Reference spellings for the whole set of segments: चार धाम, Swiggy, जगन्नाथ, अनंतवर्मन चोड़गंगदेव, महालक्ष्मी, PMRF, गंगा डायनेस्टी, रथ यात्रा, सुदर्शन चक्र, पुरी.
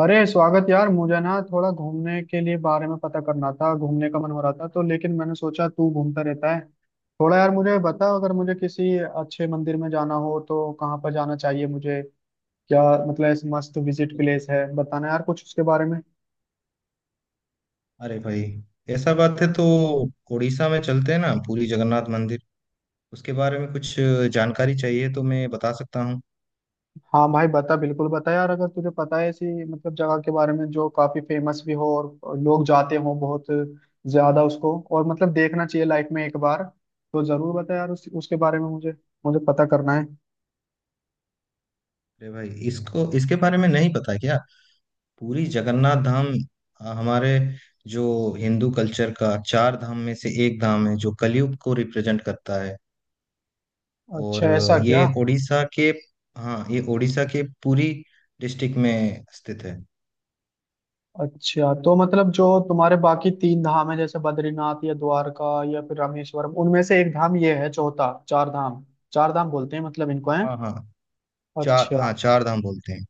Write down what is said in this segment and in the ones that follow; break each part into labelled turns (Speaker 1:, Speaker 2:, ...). Speaker 1: अरे स्वागत यार। मुझे ना थोड़ा घूमने के लिए बारे में पता करना था। घूमने का मन हो रहा था तो, लेकिन मैंने सोचा तू घूमता रहता है। थोड़ा यार मुझे बता, अगर मुझे किसी अच्छे मंदिर में जाना हो तो कहाँ पर जाना चाहिए मुझे? क्या मतलब ऐसे मस्त विजिट प्लेस है, बताना यार कुछ उसके बारे में।
Speaker 2: अरे भाई, ऐसा बात है तो उड़ीसा में चलते हैं ना, पुरी जगन्नाथ मंदिर। उसके बारे में कुछ जानकारी चाहिए तो मैं बता सकता हूँ।
Speaker 1: हाँ भाई बता, बिल्कुल बता यार, अगर तुझे पता है ऐसी मतलब जगह के बारे में जो काफी फेमस भी हो और लोग जाते हो बहुत ज्यादा उसको, और मतलब देखना चाहिए लाइफ में एक बार, तो जरूर बता यार उसके बारे में मुझे, मुझे पता करना है।
Speaker 2: अरे भाई, इसको इसके बारे में नहीं पता क्या? पुरी जगन्नाथ धाम, हमारे जो हिंदू कल्चर का चार धाम में से एक धाम है, जो कलयुग को रिप्रेजेंट करता है। और
Speaker 1: अच्छा ऐसा क्या?
Speaker 2: ये उड़ीसा के हाँ, ये उड़ीसा के पुरी डिस्ट्रिक्ट में स्थित है।
Speaker 1: अच्छा तो मतलब जो तुम्हारे बाकी तीन धाम है, जैसे बद्रीनाथ या द्वारका या फिर रामेश्वरम, उनमें से एक धाम ये है, चौथा चार धाम। चार धाम बोलते हैं मतलब इनको, है?
Speaker 2: हाँ, हाँ,
Speaker 1: अच्छा
Speaker 2: चार धाम बोलते हैं।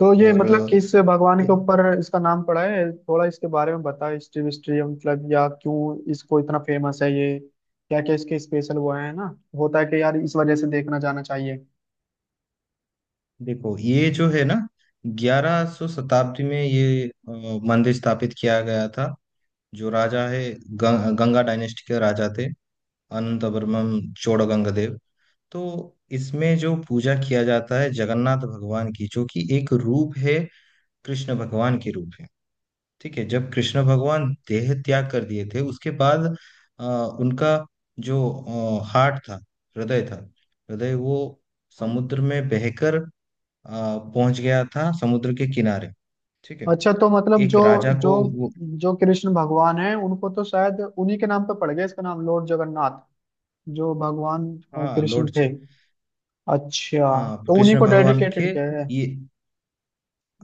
Speaker 1: तो ये
Speaker 2: और
Speaker 1: मतलब किस भगवान
Speaker 2: अ,
Speaker 1: के ऊपर इसका नाम पड़ा है? थोड़ा इसके बारे में बताओ, हिस्ट्री विस्ट्री मतलब, या क्यों इसको इतना फेमस है ये? क्या क्या इसके स्पेशल वो है ना, होता है कि यार इस वजह से देखना जाना चाहिए।
Speaker 2: देखो, ये जो है ना, 1100 शताब्दी में ये मंदिर स्थापित किया गया था। जो राजा है, गंगा डायनेस्टी के राजा थे, अनंतवर्मन चोड़गंगदेव। तो इसमें जो पूजा किया जाता है जगन्नाथ भगवान की, जो कि एक रूप है, कृष्ण भगवान के रूप है। ठीक है। जब कृष्ण भगवान देह त्याग कर दिए थे, उसके बाद अ, उनका जो हार्ट था, हृदय था, हृदय वो समुद्र में बहकर पहुंच गया था समुद्र के किनारे। ठीक है।
Speaker 1: अच्छा तो मतलब
Speaker 2: एक
Speaker 1: जो
Speaker 2: राजा
Speaker 1: जो
Speaker 2: को, वो,
Speaker 1: जो कृष्ण भगवान है उनको तो, शायद उन्हीं के नाम पे पड़ गया इसका नाम लॉर्ड जगन्नाथ, जो भगवान
Speaker 2: हाँ,
Speaker 1: कृष्ण
Speaker 2: लॉर्ड।
Speaker 1: थे। अच्छा
Speaker 2: हाँ,
Speaker 1: तो उन्हीं
Speaker 2: कृष्ण
Speaker 1: को
Speaker 2: भगवान
Speaker 1: डेडिकेटेड
Speaker 2: के।
Speaker 1: किया है।
Speaker 2: ये,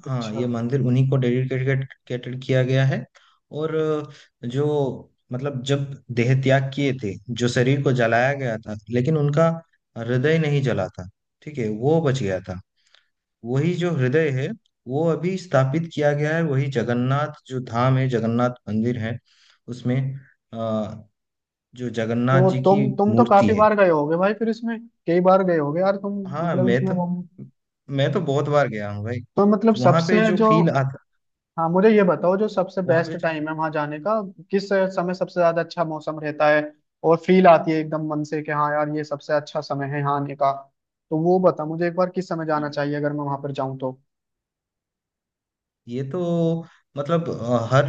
Speaker 2: हाँ,
Speaker 1: अच्छा
Speaker 2: ये मंदिर उन्हीं को डेडिकेटेड किया गया है। और जो मतलब जब देह त्याग किए थे, जो शरीर को जलाया गया था, लेकिन उनका हृदय नहीं जला था। ठीक है, वो बच गया था। वही जो हृदय है, वो अभी स्थापित किया गया है। वही जगन्नाथ जो धाम है, जगन्नाथ मंदिर है, उसमें जो जगन्नाथ
Speaker 1: तो
Speaker 2: जी की
Speaker 1: तुम तो
Speaker 2: मूर्ति
Speaker 1: काफी
Speaker 2: है।
Speaker 1: बार गए होगे भाई फिर इसमें। कई बार गए होगे यार तुम।
Speaker 2: हाँ,
Speaker 1: मतलब
Speaker 2: मैं
Speaker 1: इसमें
Speaker 2: तो
Speaker 1: घूम,
Speaker 2: मैं तो बहुत बार गया हूँ भाई।
Speaker 1: तो मतलब
Speaker 2: वहां पे
Speaker 1: सबसे
Speaker 2: जो
Speaker 1: जो,
Speaker 2: फील आता,
Speaker 1: हाँ मुझे ये बताओ जो सबसे
Speaker 2: वहां पे
Speaker 1: बेस्ट टाइम है वहां जाने का। किस समय सबसे ज्यादा अच्छा मौसम रहता है और फील आती है एकदम मन से कि हाँ यार ये सबसे अच्छा समय है यहाँ आने का। तो वो बता मुझे एक बार, किस समय जाना चाहिए अगर मैं वहां पर जाऊँ तो।
Speaker 2: ये तो मतलब हर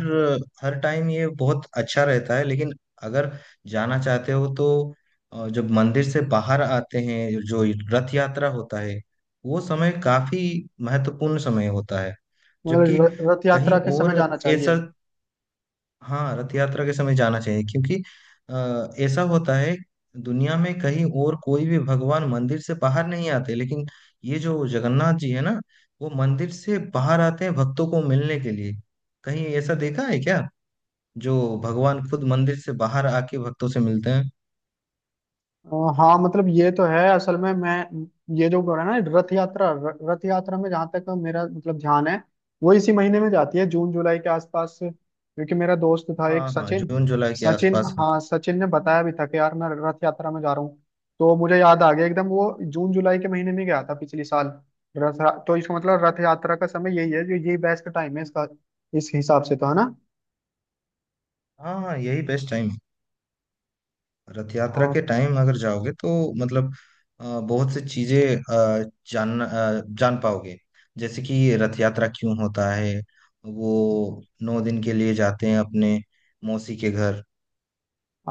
Speaker 2: हर टाइम ये बहुत अच्छा रहता है, लेकिन अगर जाना चाहते हो तो जब मंदिर से बाहर आते हैं जो रथ यात्रा होता है, वो समय काफी महत्वपूर्ण समय होता है। जबकि
Speaker 1: मतलब रथ
Speaker 2: कहीं
Speaker 1: यात्रा के समय
Speaker 2: और
Speaker 1: जाना
Speaker 2: ऐसा,
Speaker 1: चाहिए?
Speaker 2: हाँ, रथ यात्रा के समय जाना चाहिए, क्योंकि ऐसा होता है, दुनिया में कहीं और कोई भी भगवान मंदिर से बाहर नहीं आते, लेकिन ये जो जगन्नाथ जी है ना, वो मंदिर से बाहर आते हैं भक्तों को मिलने के लिए। कहीं ऐसा देखा है क्या, जो भगवान खुद मंदिर से बाहर आके भक्तों से मिलते हैं?
Speaker 1: हाँ मतलब ये तो है असल में। मैं ये जो बोला ना रथ यात्रा, रथ यात्रा में, जहाँ तक मेरा मतलब ध्यान है, वो इसी महीने में जाती है, जून जुलाई के आसपास, क्योंकि मेरा दोस्त था एक
Speaker 2: हाँ, हाँ,
Speaker 1: सचिन।
Speaker 2: जून जुलाई के
Speaker 1: सचिन,
Speaker 2: आसपास होता
Speaker 1: हाँ सचिन ने बताया भी था कि यार मैं रथ यात्रा में जा रहा हूँ, तो मुझे याद आ गया एकदम। वो जून जुलाई के महीने में गया था पिछले साल। रथ, तो इसका मतलब रथ यात्रा का समय यही है जो, ये बेस्ट टाइम है इसका इस हिसाब से, तो है ना?
Speaker 2: है। हाँ, हाँ, यही बेस्ट टाइम है। रथ यात्रा के
Speaker 1: और
Speaker 2: टाइम अगर जाओगे तो मतलब बहुत सी चीजें जान पाओगे। जैसे कि रथ यात्रा क्यों होता है, वो 9 दिन के लिए जाते हैं अपने मौसी के घर।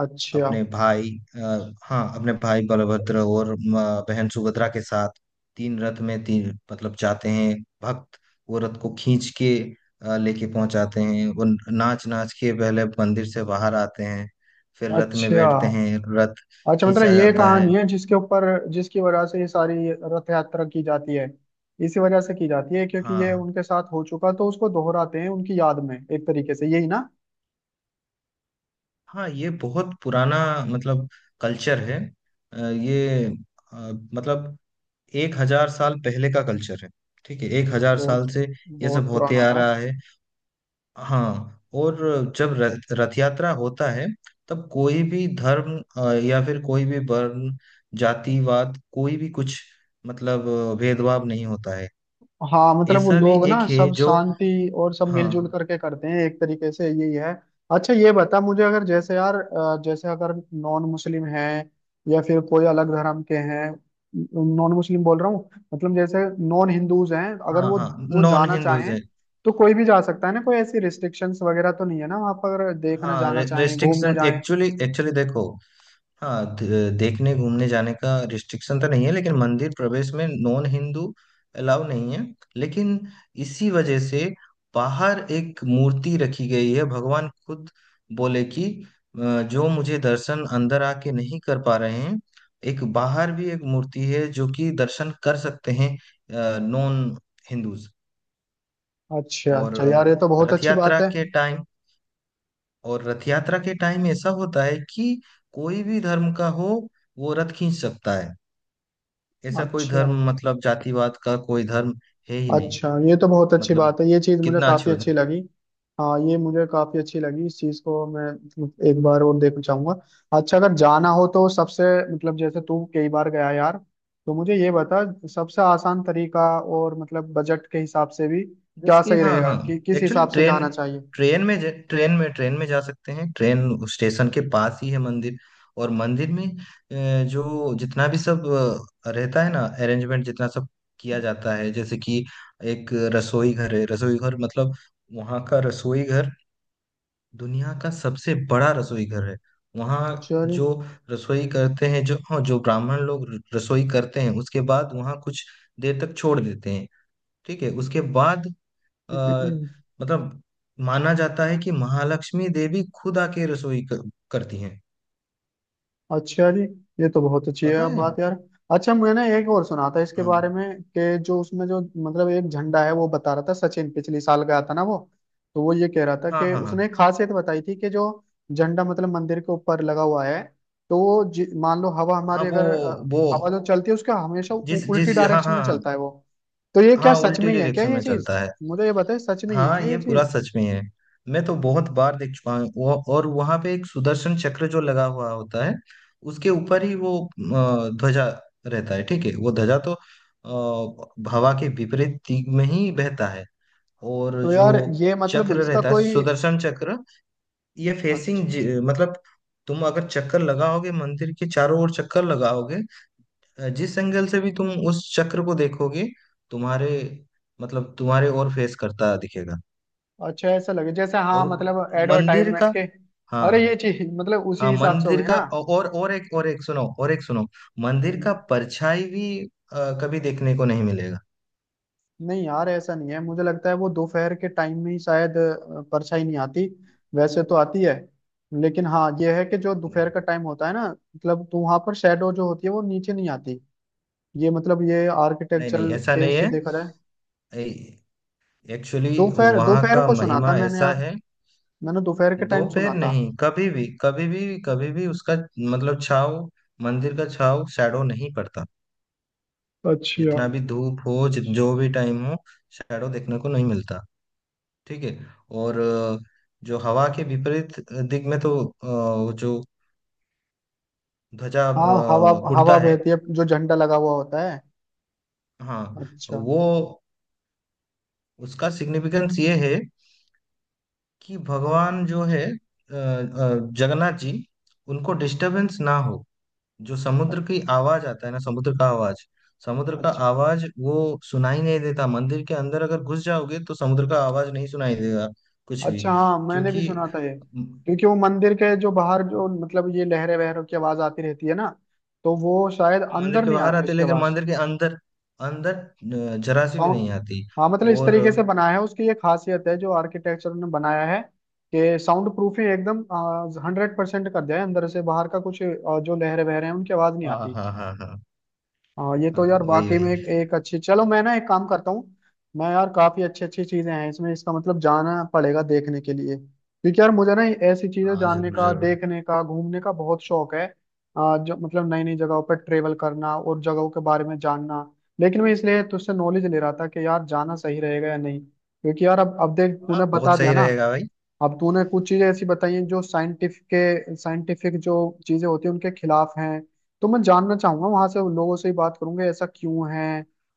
Speaker 1: अच्छा,
Speaker 2: अपने भाई आ, हाँ, अपने भाई बलभद्र और बहन सुभद्रा के साथ। तीन रथ में, तीन मतलब जाते हैं भक्त। वो रथ को खींच के लेके पहुंचाते हैं। वो नाच नाच के पहले मंदिर से बाहर आते हैं, फिर रथ में
Speaker 1: अच्छा।
Speaker 2: बैठते हैं, रथ
Speaker 1: अच्छा मतलब
Speaker 2: खींचा
Speaker 1: ये
Speaker 2: जाता है।
Speaker 1: कहानी है जिसके ऊपर, जिसकी वजह से ये सारी रथ यात्रा की जाती है, इसी वजह से की जाती है। क्योंकि ये
Speaker 2: हाँ,
Speaker 1: उनके साथ हो चुका तो उसको दोहराते हैं उनकी याद में एक तरीके से, यही ना?
Speaker 2: हाँ, ये बहुत पुराना मतलब कल्चर है। अ, ये अ, मतलब 1,000 साल पहले का कल्चर है। ठीक है, 1,000 साल
Speaker 1: बहुत,
Speaker 2: से ये सब
Speaker 1: बहुत
Speaker 2: होते
Speaker 1: पुराना
Speaker 2: आ
Speaker 1: यार।
Speaker 2: रहा है। हाँ, और जब रथ रथ यात्रा होता है, तब कोई भी धर्म, या फिर कोई भी वर्ण, जातिवाद, कोई भी कुछ मतलब भेदभाव नहीं होता है।
Speaker 1: हाँ मतलब वो
Speaker 2: ऐसा भी
Speaker 1: लोग
Speaker 2: एक
Speaker 1: ना
Speaker 2: है
Speaker 1: सब
Speaker 2: जो,
Speaker 1: शांति और सब मिलजुल
Speaker 2: हाँ,
Speaker 1: करके करते हैं एक तरीके से, यही है। अच्छा ये बता मुझे, अगर जैसे यार जैसे अगर नॉन मुस्लिम हैं या फिर कोई अलग धर्म के हैं, नॉन मुस्लिम बोल रहा हूँ, मतलब जैसे नॉन हिंदूज हैं, अगर
Speaker 2: हाँ,
Speaker 1: वो
Speaker 2: हाँ,
Speaker 1: वो
Speaker 2: नॉन
Speaker 1: जाना
Speaker 2: हिंदूज
Speaker 1: चाहें
Speaker 2: है।
Speaker 1: तो कोई भी जा सकता है ना? कोई ऐसी रिस्ट्रिक्शंस वगैरह तो नहीं है ना वहाँ पर, अगर देखना
Speaker 2: हाँ,
Speaker 1: जाना चाहें, घूमने
Speaker 2: रेस्ट्रिक्शन,
Speaker 1: जाएं?
Speaker 2: एक्चुअली एक्चुअली देखो। हाँ, देखने घूमने जाने का रिस्ट्रिक्शन तो नहीं है, लेकिन मंदिर प्रवेश में नॉन हिंदू अलाउ नहीं है। लेकिन इसी वजह से बाहर एक मूर्ति रखी गई है। भगवान खुद बोले कि जो मुझे दर्शन अंदर आके नहीं कर पा रहे हैं, एक बाहर भी एक मूर्ति है जो कि दर्शन कर सकते हैं, नॉन हिंदूज।
Speaker 1: अच्छा
Speaker 2: और
Speaker 1: अच्छा यार, ये तो बहुत
Speaker 2: रथ
Speaker 1: अच्छी बात
Speaker 2: यात्रा
Speaker 1: है।
Speaker 2: के टाइम और रथ यात्रा के टाइम ऐसा होता है कि कोई भी धर्म का हो, वो रथ खींच सकता है। ऐसा कोई
Speaker 1: अच्छा
Speaker 2: धर्म मतलब जातिवाद का कोई धर्म है ही नहीं।
Speaker 1: अच्छा ये तो बहुत अच्छी
Speaker 2: मतलब
Speaker 1: बात है, ये चीज़ मुझे
Speaker 2: कितना अच्छी
Speaker 1: काफ़ी
Speaker 2: बात
Speaker 1: अच्छी
Speaker 2: है।
Speaker 1: लगी। हाँ ये मुझे काफ़ी अच्छी लगी, इस चीज़ को मैं एक बार और देखना चाहूंगा। अच्छा अगर जाना हो तो सबसे, मतलब जैसे तू कई बार गया यार, तो मुझे ये बता सबसे आसान तरीका, और मतलब बजट के हिसाब से भी क्या
Speaker 2: जैसे कि,
Speaker 1: सही
Speaker 2: हाँ,
Speaker 1: रहेगा,
Speaker 2: हाँ,
Speaker 1: कि किस
Speaker 2: एक्चुअली
Speaker 1: हिसाब से
Speaker 2: ट्रेन
Speaker 1: जाना चाहिए?
Speaker 2: ट्रेन में ज- ट्रेन में जा सकते हैं। ट्रेन स्टेशन के पास ही है मंदिर। और मंदिर में जो जितना भी सब रहता है ना अरेंजमेंट, जितना सब किया जाता है, जैसे कि एक रसोई घर है। रसोई घर मतलब वहाँ का रसोई घर दुनिया का सबसे बड़ा रसोई घर है वहाँ।
Speaker 1: चल।
Speaker 2: जो रसोई करते हैं जो, हाँ, जो ब्राह्मण लोग रसोई करते हैं, उसके बाद वहाँ कुछ देर तक छोड़ देते हैं। ठीक है, उसके बाद आ, मतलब माना जाता है कि महालक्ष्मी देवी खुद आके रसोई करती हैं।
Speaker 1: अच्छा जी, ये तो बहुत अच्छी है
Speaker 2: पता
Speaker 1: आप
Speaker 2: है?
Speaker 1: बात यार। अच्छा मैंने एक और सुना था इसके बारे
Speaker 2: हाँ,
Speaker 1: में, कि जो उसमें जो मतलब एक झंडा है, वो बता रहा था सचिन पिछले साल गया था ना वो, तो वो ये कह रहा था
Speaker 2: हाँ,
Speaker 1: कि
Speaker 2: हाँ, हाँ,
Speaker 1: उसने एक खासियत बताई थी कि जो झंडा मतलब मंदिर के ऊपर लगा हुआ है, तो वो मान लो हवा
Speaker 2: हाँ,
Speaker 1: हमारी
Speaker 2: वो
Speaker 1: अगर
Speaker 2: वो
Speaker 1: हवा जो चलती है, उसका हमेशा
Speaker 2: जिस
Speaker 1: उल्टी
Speaker 2: जिस, हाँ,
Speaker 1: डायरेक्शन
Speaker 2: हाँ,
Speaker 1: में
Speaker 2: हाँ,
Speaker 1: चलता है वो। तो ये क्या
Speaker 2: हाँ,
Speaker 1: सच
Speaker 2: उल्टी
Speaker 1: में ही है क्या
Speaker 2: डायरेक्शन
Speaker 1: ये
Speaker 2: में
Speaker 1: चीज?
Speaker 2: चलता है।
Speaker 1: मुझे ये बताए सच में ही है
Speaker 2: हाँ,
Speaker 1: क्या ये
Speaker 2: ये पूरा
Speaker 1: चीज?
Speaker 2: सच में है। मैं तो बहुत बार देख चुका हूँ। और वहां पे एक सुदर्शन चक्र जो लगा हुआ होता है, उसके ऊपर ही वो ध्वजा रहता है। ठीक है, वो ध्वजा तो हवा के विपरीत दिग में ही बहता है। और
Speaker 1: तो यार
Speaker 2: जो
Speaker 1: ये मतलब
Speaker 2: चक्र
Speaker 1: इसका
Speaker 2: रहता है,
Speaker 1: कोई,
Speaker 2: सुदर्शन चक्र, ये
Speaker 1: अच्छा।
Speaker 2: फेसिंग मतलब तुम अगर चक्कर लगाओगे, मंदिर के चारों ओर चक्कर लगाओगे, जिस एंगल से भी तुम उस चक्र को देखोगे, तुम्हारे तुम्हारे ओर फेस करता दिखेगा।
Speaker 1: अच्छा ऐसा लगे जैसे, हाँ
Speaker 2: और
Speaker 1: मतलब
Speaker 2: मंदिर
Speaker 1: एडवर्टाइजमेंट
Speaker 2: का,
Speaker 1: के। अरे ये
Speaker 2: हाँ,
Speaker 1: चीज मतलब उसी
Speaker 2: हाँ,
Speaker 1: हिसाब से हो
Speaker 2: मंदिर
Speaker 1: गई
Speaker 2: का,
Speaker 1: ना।
Speaker 2: और एक, और एक सुनो, और एक सुनो, मंदिर
Speaker 1: हम्म,
Speaker 2: का परछाई भी कभी देखने को नहीं मिलेगा।
Speaker 1: नहीं यार ऐसा नहीं है, मुझे लगता है वो दोपहर के टाइम में ही शायद परछाई नहीं आती, वैसे तो आती है। लेकिन हाँ ये है कि जो
Speaker 2: नहीं,
Speaker 1: दोपहर का टाइम होता है ना, मतलब तो वहां पर शेडो जो होती है वो नीचे नहीं आती। ये मतलब ये
Speaker 2: नहीं,
Speaker 1: आर्किटेक्चर
Speaker 2: नहीं, ऐसा
Speaker 1: के
Speaker 2: नहीं
Speaker 1: उससे
Speaker 2: है।
Speaker 1: देखा जाए।
Speaker 2: एक्चुअली
Speaker 1: दोपहर,
Speaker 2: वहाँ
Speaker 1: दोपहर
Speaker 2: का
Speaker 1: को सुना था
Speaker 2: महिमा
Speaker 1: मैंने
Speaker 2: ऐसा
Speaker 1: यार,
Speaker 2: है।
Speaker 1: मैंने दोपहर के
Speaker 2: दो
Speaker 1: टाइम
Speaker 2: पैर
Speaker 1: सुना था।
Speaker 2: नहीं, कभी भी, कभी भी, कभी भी उसका, मतलब छाव, मंदिर का छाव शैडो नहीं पड़ता।
Speaker 1: अच्छा।
Speaker 2: जितना भी धूप हो, जो भी टाइम हो, शैडो देखने को नहीं मिलता। ठीक है। और जो हवा के विपरीत दिग में, तो वो जो ध्वजा
Speaker 1: हाँ हवा, हवा
Speaker 2: उड़ता है।
Speaker 1: बहती है जो झंडा लगा हुआ होता है।
Speaker 2: हाँ,
Speaker 1: अच्छा।
Speaker 2: वो उसका सिग्निफिकेंस ये है कि
Speaker 1: अ-
Speaker 2: भगवान जो है, जगन्नाथ जी, उनको डिस्टरबेंस ना हो। जो समुद्र की आवाज आता है ना, समुद्र का आवाज समुद्र का
Speaker 1: अच्छा।
Speaker 2: आवाज वो सुनाई नहीं देता। मंदिर के अंदर अगर घुस जाओगे तो समुद्र का आवाज नहीं सुनाई देगा, कुछ भी।
Speaker 1: अच्छा हाँ मैंने भी
Speaker 2: क्योंकि
Speaker 1: सुना था ये। क्योंकि वो मंदिर के जो बाहर, जो मतलब ये लहरे वहरों की आवाज आती रहती है ना, तो वो शायद
Speaker 2: मंदिर
Speaker 1: अंदर
Speaker 2: के
Speaker 1: नहीं
Speaker 2: बाहर
Speaker 1: आती
Speaker 2: आती है,
Speaker 1: उसके
Speaker 2: लेकिन
Speaker 1: पास।
Speaker 2: मंदिर के अंदर अंदर जरा सी भी नहीं
Speaker 1: साउंड,
Speaker 2: आती।
Speaker 1: हाँ मतलब इस
Speaker 2: और
Speaker 1: तरीके से बनाया है, उसकी ये खासियत है जो आर्किटेक्चर ने बनाया है, कि साउंड प्रूफ ही एकदम हंड्रेड परसेंट कर दिया है, अंदर से बाहर का कुछ जो लहरे वहरे हैं उनकी आवाज नहीं
Speaker 2: हाँ, हाँ,
Speaker 1: आती।
Speaker 2: हाँ, हाँ, हाँ,
Speaker 1: हाँ ये तो
Speaker 2: हाँ,
Speaker 1: यार
Speaker 2: वही
Speaker 1: वाकई में
Speaker 2: वही,
Speaker 1: एक अच्छी, चलो मैं ना एक काम करता हूँ। मैं यार, काफी अच्छी अच्छी चीजें हैं इसमें, इसका मतलब जाना पड़ेगा देखने के लिए, क्योंकि यार मुझे ना ऐसी चीजें
Speaker 2: हाँ,
Speaker 1: जानने
Speaker 2: जरूर
Speaker 1: का,
Speaker 2: जरूर,
Speaker 1: देखने का, घूमने का बहुत शौक है। जो मतलब नई नई जगहों पर ट्रेवल करना और जगहों के बारे में जानना। लेकिन मैं इसलिए तुझसे नॉलेज ले रहा था कि यार जाना सही रहेगा या नहीं, क्योंकि यार अब देख
Speaker 2: हाँ,
Speaker 1: तूने
Speaker 2: बहुत
Speaker 1: बता दिया
Speaker 2: सही
Speaker 1: ना।
Speaker 2: रहेगा भाई।
Speaker 1: अब तूने कुछ चीजें ऐसी बताई हैं जो साइंटिफिक के, साइंटिफिक जो चीजें होती हैं उनके खिलाफ हैं, तो मैं जानना चाहूंगा वहां से, उन लोगों से ही बात करूंगा ऐसा क्यों है।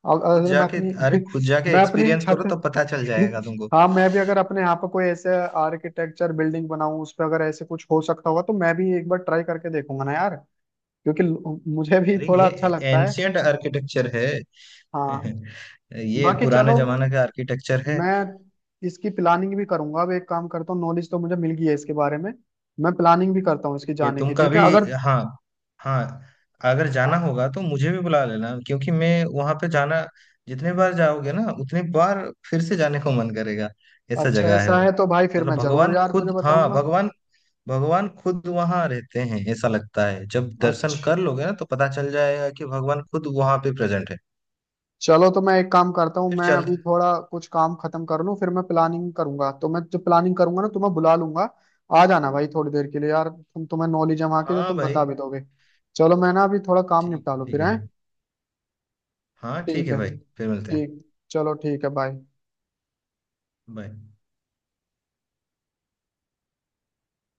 Speaker 2: खुद
Speaker 1: अगर मैं
Speaker 2: जाके
Speaker 1: अपनी
Speaker 2: अरे, खुद जाके
Speaker 1: मैं अपनी
Speaker 2: एक्सपीरियंस
Speaker 1: छत
Speaker 2: करो तो पता चल जाएगा तुमको।
Speaker 1: हाँ मैं भी अगर अपने यहाँ पर कोई ऐसे आर्किटेक्चर बिल्डिंग बनाऊं, उस पर अगर ऐसे कुछ हो सकता होगा तो मैं भी एक बार ट्राई करके देखूंगा ना यार, क्योंकि मुझे भी
Speaker 2: अरे,
Speaker 1: थोड़ा
Speaker 2: ये
Speaker 1: अच्छा लगता है।
Speaker 2: एंशियंट आर्किटेक्चर है।
Speaker 1: हाँ
Speaker 2: ये
Speaker 1: बाकी
Speaker 2: पुराने
Speaker 1: चलो,
Speaker 2: जमाने का आर्किटेक्चर है।
Speaker 1: मैं इसकी प्लानिंग भी करूंगा। अब एक काम करता हूँ, नॉलेज तो मुझे मिल गई है इसके बारे में, मैं प्लानिंग भी करता हूँ इसकी
Speaker 2: ये
Speaker 1: जाने
Speaker 2: तुम
Speaker 1: की। ठीक है
Speaker 2: कभी,
Speaker 1: अगर,
Speaker 2: हाँ, हाँ, अगर जाना
Speaker 1: अ-
Speaker 2: होगा तो मुझे भी बुला लेना, क्योंकि मैं वहां पे जाना। जितने बार जाओगे ना, उतने बार फिर से जाने को मन करेगा। ऐसा
Speaker 1: अच्छा
Speaker 2: जगह है
Speaker 1: ऐसा
Speaker 2: वो।
Speaker 1: है तो भाई फिर
Speaker 2: मतलब
Speaker 1: मैं जरूर
Speaker 2: भगवान
Speaker 1: यार तुझे
Speaker 2: खुद, हाँ,
Speaker 1: बताऊंगा।
Speaker 2: भगवान भगवान खुद वहां रहते हैं, ऐसा लगता है। जब दर्शन कर
Speaker 1: अच्छा
Speaker 2: लोगे ना, तो पता चल जाएगा कि भगवान खुद वहां पे प्रेजेंट है।
Speaker 1: चलो, तो मैं एक काम करता हूँ,
Speaker 2: फिर
Speaker 1: मैं
Speaker 2: चल।
Speaker 1: अभी थोड़ा कुछ काम खत्म कर लूँ फिर मैं प्लानिंग करूंगा, तो मैं जो प्लानिंग करूंगा ना तुम्हें बुला लूंगा। आ जाना भाई थोड़ी देर के लिए यार, तुम, तुम्हें नॉलेज है वहाँ की तो
Speaker 2: हाँ
Speaker 1: तुम बता
Speaker 2: भाई,
Speaker 1: भी दोगे। चलो मैं ना अभी थोड़ा काम
Speaker 2: ठीक
Speaker 1: निपटा लूँ
Speaker 2: ठीक
Speaker 1: फिर
Speaker 2: है।
Speaker 1: है।
Speaker 2: हाँ, ठीक
Speaker 1: ठीक
Speaker 2: है
Speaker 1: है,
Speaker 2: भाई, फिर मिलते हैं।
Speaker 1: ठीक। चलो ठीक है, बाय।
Speaker 2: बाय।